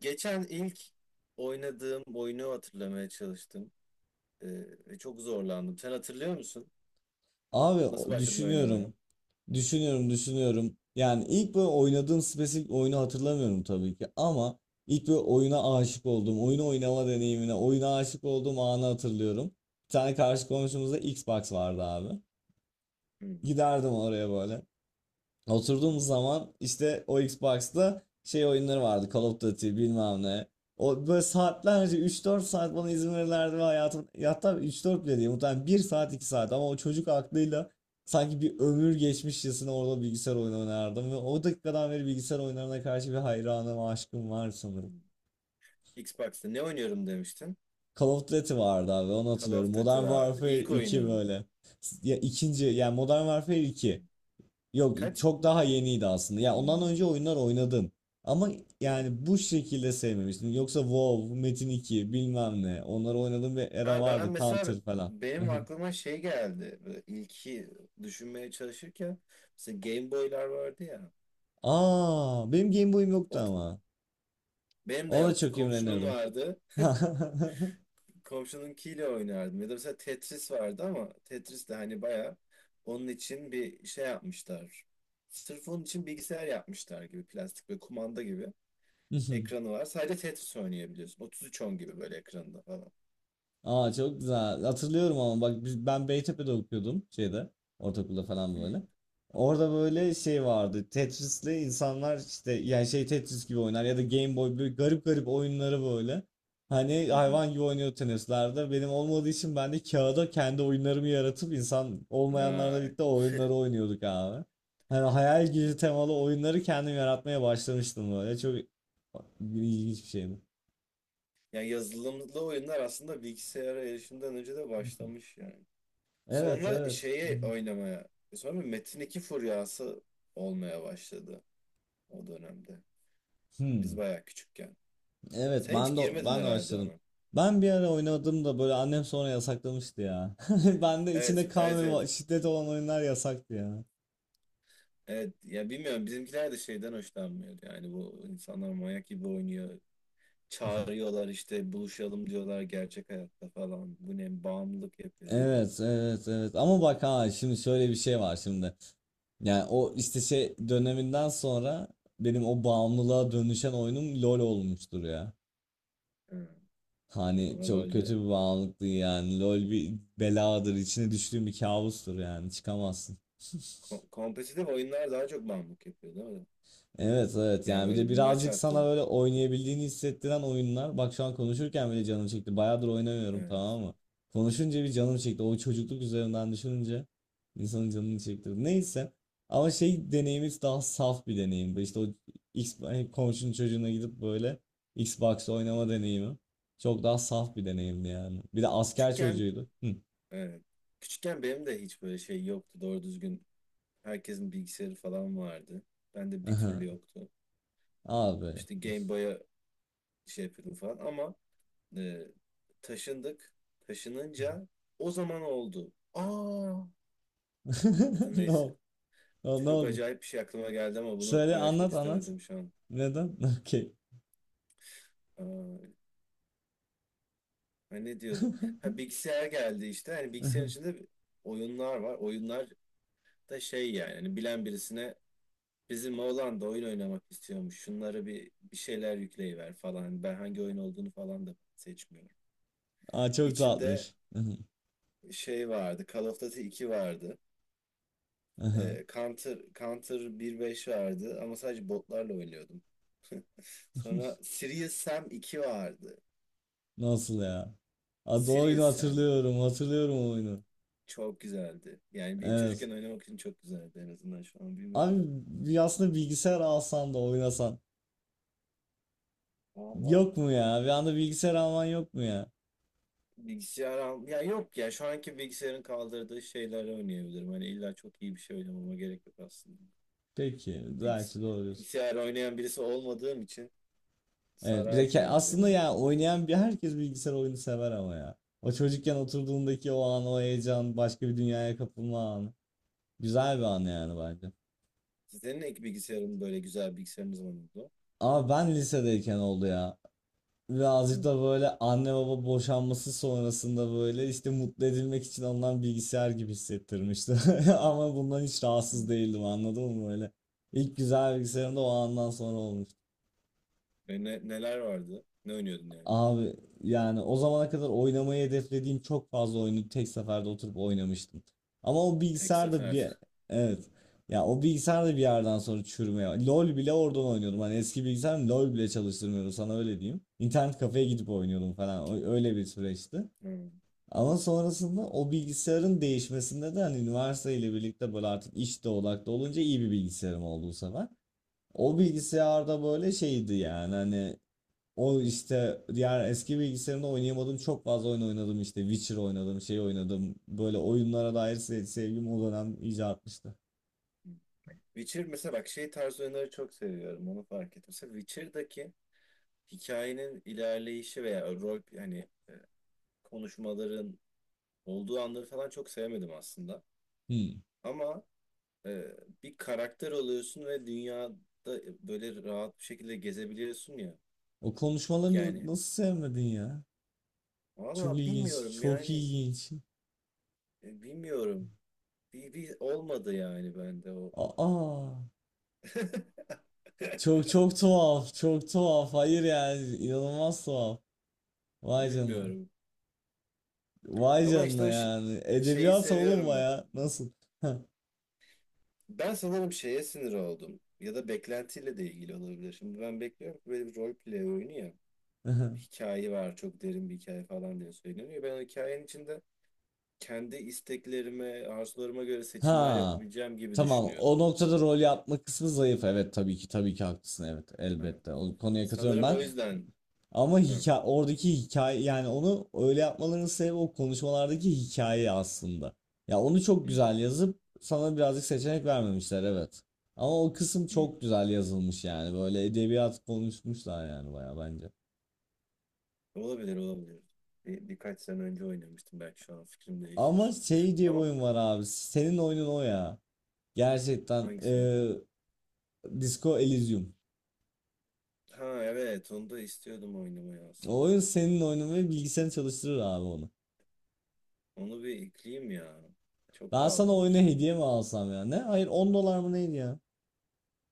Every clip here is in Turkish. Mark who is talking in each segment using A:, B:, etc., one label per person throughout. A: Geçen ilk oynadığım oyunu hatırlamaya çalıştım. Ee, ve çok zorlandım. Sen hatırlıyor musun?
B: Abi
A: Nasıl başladın oynamaya?
B: düşünüyorum. Düşünüyorum. Yani ilk böyle oynadığım spesifik oyunu hatırlamıyorum tabii ki ama ilk böyle oyuna aşık olduğum, oyunu oynama deneyimine, oyuna aşık olduğum anı hatırlıyorum. Bir tane karşı komşumuzda Xbox vardı abi.
A: Hmm.
B: Giderdim oraya böyle. Oturduğumuz zaman işte o Xbox'ta şey oyunları vardı. Call of Duty bilmem ne. O böyle saatlerce 3-4 saat bana izin verirlerdi ve hayatım hatta 3-4 bile değil muhtemelen bir saat 2 saat ama o çocuk aklıyla sanki bir ömür geçmişçesine orada bilgisayar oyunu oynardım ve o dakikadan beri bilgisayar oyunlarına karşı bir hayranım, aşkım var sanırım.
A: Xbox'ta ne oynuyorum demiştin?
B: Call of Duty vardı abi onu
A: Call
B: hatırlıyorum.
A: of Duty
B: Modern
A: vardı.
B: Warfare
A: İlk
B: 2
A: oyunu mu?
B: böyle. Ya ikinci yani Modern Warfare 2. Yok
A: Kaç?
B: çok daha yeniydi aslında. Ya ondan
A: Hmm.
B: önce oyunlar oynadım. Ama yani bu şekilde sevmemiştim. Yoksa WoW, Metin 2 bilmem ne. Onları oynadığım bir era
A: Ha, ben
B: vardı.
A: mesela
B: Counter falan.
A: benim aklıma şey geldi. Böyle ilki düşünmeye çalışırken mesela Game Boy'lar vardı ya.
B: Aa, benim Game Boy'um
A: O,
B: yoktu ama.
A: benim de
B: Ona
A: yoktu.
B: çok
A: Komşunun
B: imrenirdim.
A: vardı. Komşununkiyle oynardım. Ya da mesela Tetris vardı ama Tetris de hani bayağı onun için bir şey yapmışlar. Sırf onun için bilgisayar yapmışlar gibi plastik ve kumanda gibi ekranı var. Sadece Tetris oynayabiliyorsun. Otuz üç on gibi böyle ekranında falan.
B: Aa çok güzel. Hatırlıyorum ama bak biz, ben Beytepe'de okuyordum şeyde. Ortaokulda falan
A: Hı
B: böyle. Orada böyle şey vardı. Tetris'le insanlar işte yani şey Tetris gibi oynar ya da Game Boy böyle garip garip oyunları böyle. Hani
A: hı hı.
B: hayvan gibi oynuyor tenislerde. Benim olmadığı için ben de kağıda kendi oyunlarımı yaratıp insan olmayanlarla
A: Ay.
B: birlikte o oyunları oynuyorduk abi. Hani hayal gücü temalı oyunları kendim yaratmaya başlamıştım böyle. Çok ilginç bir şeydi.
A: Yani yazılımlı oyunlar aslında bilgisayara erişimden önce de başlamış yani.
B: Evet,
A: Sonra
B: evet.
A: şeye oynamaya, sonra Metin 2 furyası olmaya başladı o dönemde. Biz
B: Hmm.
A: bayağı küçükken.
B: Evet
A: Sen hiç
B: ben de
A: girmedin
B: ben de
A: herhalde
B: başladım.
A: ona.
B: Ben bir ara oynadım da böyle annem sonra yasaklamıştı ya. Ben de
A: Evet,
B: içinde kan ve
A: evet, evet.
B: şiddet olan oyunlar yasaktı ya.
A: Evet, ya bilmiyorum bizimkiler de şeyden hoşlanmıyor. Yani bu insanlar manyak gibi oynuyor. Çağırıyorlar işte buluşalım diyorlar gerçek hayatta falan. Bu ne bağımlılık yapıyor gibi.
B: Evet, evet, evet, ama bak ha şimdi şöyle bir şey var şimdi. Yani o işte şey döneminden sonra benim o bağımlılığa dönüşen oyunum LoL olmuştur ya.
A: Hı.
B: Hani
A: Sonra
B: çok
A: LoL'de
B: kötü bir bağımlılıktı yani. LoL bir beladır, içine düştüğüm bir kabustur yani. Çıkamazsın.
A: kompetitif oyunlar daha çok bağımlılık yapıyor değil mi?
B: Evet, evet,
A: Yani
B: yani bir de
A: böyle bir maç
B: birazcık sana
A: attın.
B: böyle oynayabildiğini hissettiren oyunlar. Bak şu an konuşurken bile canım çekti. Bayağıdır oynamıyorum
A: Evet.
B: tamam mı? Konuşunca bir canım çekti. O çocukluk üzerinden düşününce insanın canını çekti. Neyse. Ama şey deneyimiz daha saf bir deneyimdi. İşte o X, hani komşunun çocuğuna gidip böyle Xbox oynama deneyimi. Çok daha saf bir deneyimdi yani. Bir de asker
A: Küçükken
B: çocuğuydu. Hı.
A: evet. Küçükken benim de hiç böyle şey yoktu doğru düzgün. Herkesin bilgisayarı falan vardı. Bende bir
B: Aha.
A: türlü yoktu.
B: Abi.
A: İşte Game Boy'a şey yapıyordum falan ama E, taşındık. Taşınınca o zaman oldu. Aa. Ya da
B: Ne
A: neyse.
B: oldu? Ne
A: Çok
B: oldu?
A: acayip bir şey aklıma geldi ama bunu
B: Söyle,
A: paylaşmak
B: anlat anlat.
A: istemedim şu an.
B: Neden? Okey.
A: Aa, ben ne diyordum? Ha, bilgisayar geldi işte. Hani bilgisayarın içinde oyunlar var. Oyunlar da şey yani. Hani bilen birisine bizim oğlan da oyun oynamak istiyormuş. Şunlara bir şeyler yükleyiver falan. Hani ben hangi oyun olduğunu falan da seçmiyorum.
B: Aa, çok
A: İçinde
B: tatlıymış.
A: şey vardı. Call of Duty 2 vardı. Counter 1.5 vardı ama sadece botlarla oynuyordum. Sonra Serious Sam 2 vardı.
B: Nasıl ya? Adı oyunu
A: Serious Sam
B: hatırlıyorum. Hatırlıyorum o oyunu.
A: çok güzeldi. Yani bir
B: Evet.
A: çocukken oynamak için çok güzeldi en azından şu an
B: Abi
A: bilmiyorum da.
B: bir aslında bilgisayar alsan da oynasan.
A: Valla
B: Yok mu ya? Bir anda bilgisayar alman yok mu ya?
A: bilgisayar al... Ya yok ya şu anki bilgisayarın kaldırdığı şeyleri oynayabilirim. Hani illa çok iyi bir şey oynamama gerek yok aslında.
B: Peki.
A: Bilgis
B: Belki doğru diyorsun.
A: bilgisayar oynayan birisi olmadığım için
B: Evet. Bir
A: sarar
B: de
A: yani beni
B: aslında ya
A: artık.
B: oynayan bir herkes bilgisayar oyunu sever ama ya. O çocukken oturduğundaki o an, o heyecan, başka bir dünyaya kapılma anı. Güzel bir an yani bence.
A: Sizin ek bilgisayarın böyle güzel bilgisayarınız var mıydı?
B: Ama ben lisedeyken oldu ya.
A: Hı.
B: Birazcık da böyle anne baba boşanması sonrasında böyle işte mutlu edilmek için alınan bilgisayar gibi hissettirmişti. Ama bundan hiç rahatsız
A: Hı.
B: değildim anladın mı böyle. İlk güzel bilgisayarım da o andan sonra olmuştu.
A: Neler vardı? Ne oynuyordun yani?
B: Abi yani o zamana kadar oynamayı hedeflediğim çok fazla oyunu tek seferde oturup oynamıştım. Ama o
A: Tek
B: bilgisayar da
A: seferde.
B: bir
A: Hı,
B: evet. Ya o bilgisayar da bir yerden sonra çürümeye. LoL bile oradan oynuyordum. Hani eski bilgisayarım LoL bile çalıştırmıyordu sana öyle diyeyim. İnternet kafeye gidip oynuyordum falan. Öyle bir süreçti.
A: hı,
B: Ama sonrasında o bilgisayarın değişmesinde de hani üniversiteyle birlikte böyle artık işte odaklı olunca iyi bir bilgisayarım oldu bu sefer.
A: hı.
B: O bilgisayarda böyle şeydi yani hani o işte diğer eski bilgisayarımda oynayamadığım çok fazla oyun oynadım işte Witcher oynadım şey oynadım böyle oyunlara dair sevgim o dönem iyice artmıştı.
A: Witcher mesela bak şey tarz oyunları çok seviyorum onu fark ettim. Mesela Witcher'daki hikayenin ilerleyişi veya rol hani konuşmaların olduğu anları falan çok sevmedim aslında.
B: Hmm.
A: Ama e, bir karakter oluyorsun ve dünyada böyle rahat bir şekilde gezebiliyorsun ya.
B: O konuşmaları
A: Yani
B: nasıl sevmedin ya? Çok
A: valla
B: ilginç,
A: bilmiyorum
B: çok
A: yani
B: ilginç.
A: bilmiyorum. Bir olmadı yani bende o.
B: Aa, çok çok tuhaf, çok tuhaf. Hayır yani inanılmaz tuhaf. Vay canına.
A: Bilmiyorum.
B: Vay
A: Ama işte
B: canına
A: o
B: yani.
A: şeyi
B: Edebiyat oğlum
A: seviyorum ben.
B: ya. Nasıl? Ha.
A: Ben sanırım şeye sinir oldum. Ya da beklentiyle de ilgili olabilir. Şimdi ben bekliyorum ki böyle bir rol play oyunu ya. Hikaye var, çok derin bir hikaye falan diye söyleniyor. Ben o hikayenin içinde kendi isteklerime, arzularıma göre seçimler
B: Ha.
A: yapabileceğim gibi
B: Tamam.
A: düşünüyordum.
B: O noktada rol yapma kısmı zayıf. Evet, tabii ki tabii ki haklısın. Evet,
A: Hı.
B: elbette. O konuya katılıyorum
A: Sanırım o
B: ben.
A: yüzden.
B: Ama
A: Hı.
B: hikaye, oradaki hikaye yani onu öyle yapmalarının sebebi o konuşmalardaki hikaye aslında. Ya onu çok
A: Hı.
B: güzel yazıp sana birazcık seçenek vermemişler, evet. Ama o kısım
A: Hı, hı.
B: çok güzel yazılmış yani. Böyle edebiyat konuşmuşlar yani bayağı bence.
A: Olabilir, olabilir. Birkaç sene önce oynamıştım. Belki şu an fikrim
B: Ama
A: değişir.
B: şey diye bir
A: Ama
B: oyun var abi. Senin oyunun o ya. Gerçekten
A: hangisi?
B: Disco Elysium.
A: Ha, evet onu da istiyordum oynamayı
B: O
A: aslında.
B: oyun senin oyunun ve bilgisayarını çalıştırır abi onu.
A: Onu bir ekleyeyim ya. Çok
B: Ben
A: pahalı
B: sana oyunu
A: olmuş ama.
B: hediye mi alsam ya? Ne? Hayır 10 dolar mı neydi ya?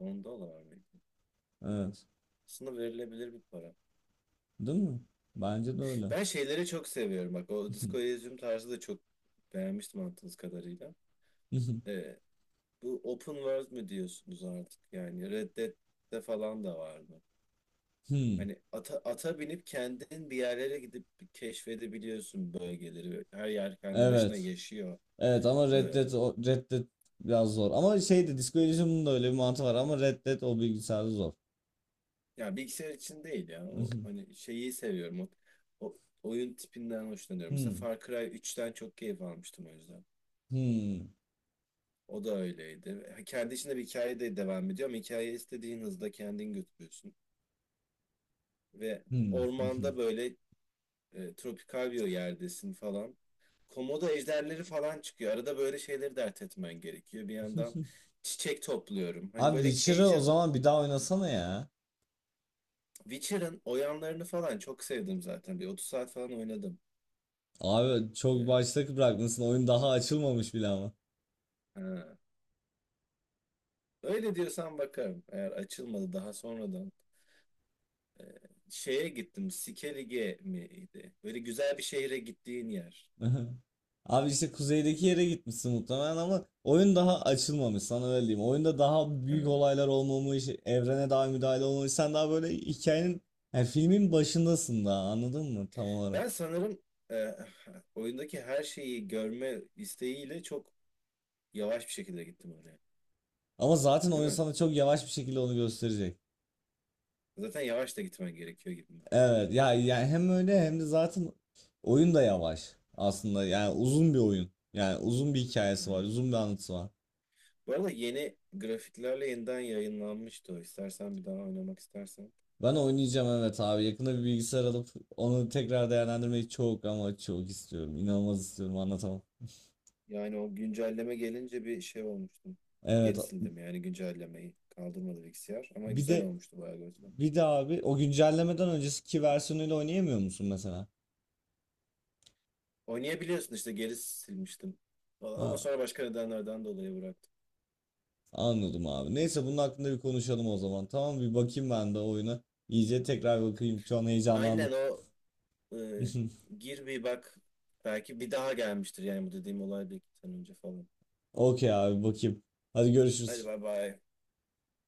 A: 10 dolar mıydı?
B: Evet.
A: Aslında verilebilir bir para.
B: Değil mi? Bence de öyle.
A: Ben şeyleri çok seviyorum. Bak o Disco Elysium tarzı da çok beğenmiştim anladığınız kadarıyla. Ee, bu open world mü diyorsunuz artık? Yani Red Dead'de falan da vardı.
B: Hmm.
A: Hani ata binip kendin bir yerlere gidip keşfedebiliyorsun bölgeleri. Her yer kendi başına
B: Evet.
A: yaşıyor.
B: Evet ama
A: Ee,
B: Red Dead, Red Dead biraz zor. Ama şey de Disco Elysium'un da öyle bir mantığı var ama Red Dead o bilgisayarda zor.
A: Ya bilgisayar için değil ya. O, hani şeyi seviyorum. O oyun tipinden hoşlanıyorum. Mesela
B: Hmm.
A: Far Cry 3'ten çok keyif almıştım o yüzden.
B: Hmm.
A: O da öyleydi. Ha, kendi içinde bir hikaye de devam ediyor ama hikayeyi istediğin hızda kendin götürüyorsun. Ve
B: Hmm.
A: ormanda böyle tropikal bir yerdesin falan. Komodo ejderleri falan çıkıyor. Arada böyle şeyleri dert etmen gerekiyor. Bir yandan çiçek topluyorum. Hani
B: Abi
A: böyle
B: Witcher'ı o
A: casual
B: zaman bir daha oynasana ya.
A: Witcher'ın oyanlarını falan çok sevdim zaten. Bir 30 saat falan oynadım.
B: Abi çok
A: E,
B: başta bırakmışsın. Oyun daha açılmamış bile ama.
A: Ha. Öyle diyorsan bakarım. Eğer açılmadı daha sonradan. Ee, şeye gittim. Sikelige miydi? Böyle güzel bir şehre gittiğin yer.
B: Abi işte kuzeydeki yere gitmişsin muhtemelen ama oyun daha açılmamış sana öyle diyeyim. Oyunda daha büyük
A: Ee,
B: olaylar olmamış, evrene daha müdahale olmamış. Sen daha böyle hikayenin, yani filmin başındasın daha anladın mı tam olarak?
A: ben sanırım e, oyundaki her şeyi görme isteğiyle çok yavaş bir şekilde gittim oraya.
B: Ama zaten
A: Değil
B: oyun
A: mi?
B: sana çok yavaş bir şekilde onu gösterecek.
A: Zaten yavaş da gitmen gerekiyor gibi.
B: Evet ya yani hem öyle hem de zaten oyun da yavaş aslında yani uzun bir oyun yani uzun bir hikayesi var
A: Yani.
B: uzun bir anlatısı var.
A: Bu arada yeni grafiklerle yeniden yayınlanmıştı o. İstersen bir daha oynamak istersen.
B: Ben oynayacağım, evet abi, yakında bir bilgisayar alıp onu tekrar değerlendirmeyi çok ama çok istiyorum, inanılmaz istiyorum, anlatamam.
A: Yani o güncelleme gelince bir şey olmuştum.
B: Evet,
A: Geri sildim yani güncellemeyi. Kaldırmadı bilgisayar ama
B: bir
A: güzel
B: de
A: olmuştu bayağı görsel.
B: bir de abi o güncellemeden önceki versiyonuyla oynayamıyor musun mesela?
A: Oynayabiliyorsun işte geri silmiştim falan ama
B: Ha,
A: sonra başka nedenlerden dolayı bıraktım.
B: anladım abi, neyse bunun hakkında bir konuşalım o zaman, tamam bir bakayım ben de oyuna iyice tekrar bakayım şu an
A: Aynen
B: heyecanlandım.
A: o e, gir bir bak belki bir daha gelmiştir yani bu dediğim olay bir iki sene önce falan.
B: Okey abi bakayım. Hadi
A: Hadi
B: görüşürüz.
A: bay bay.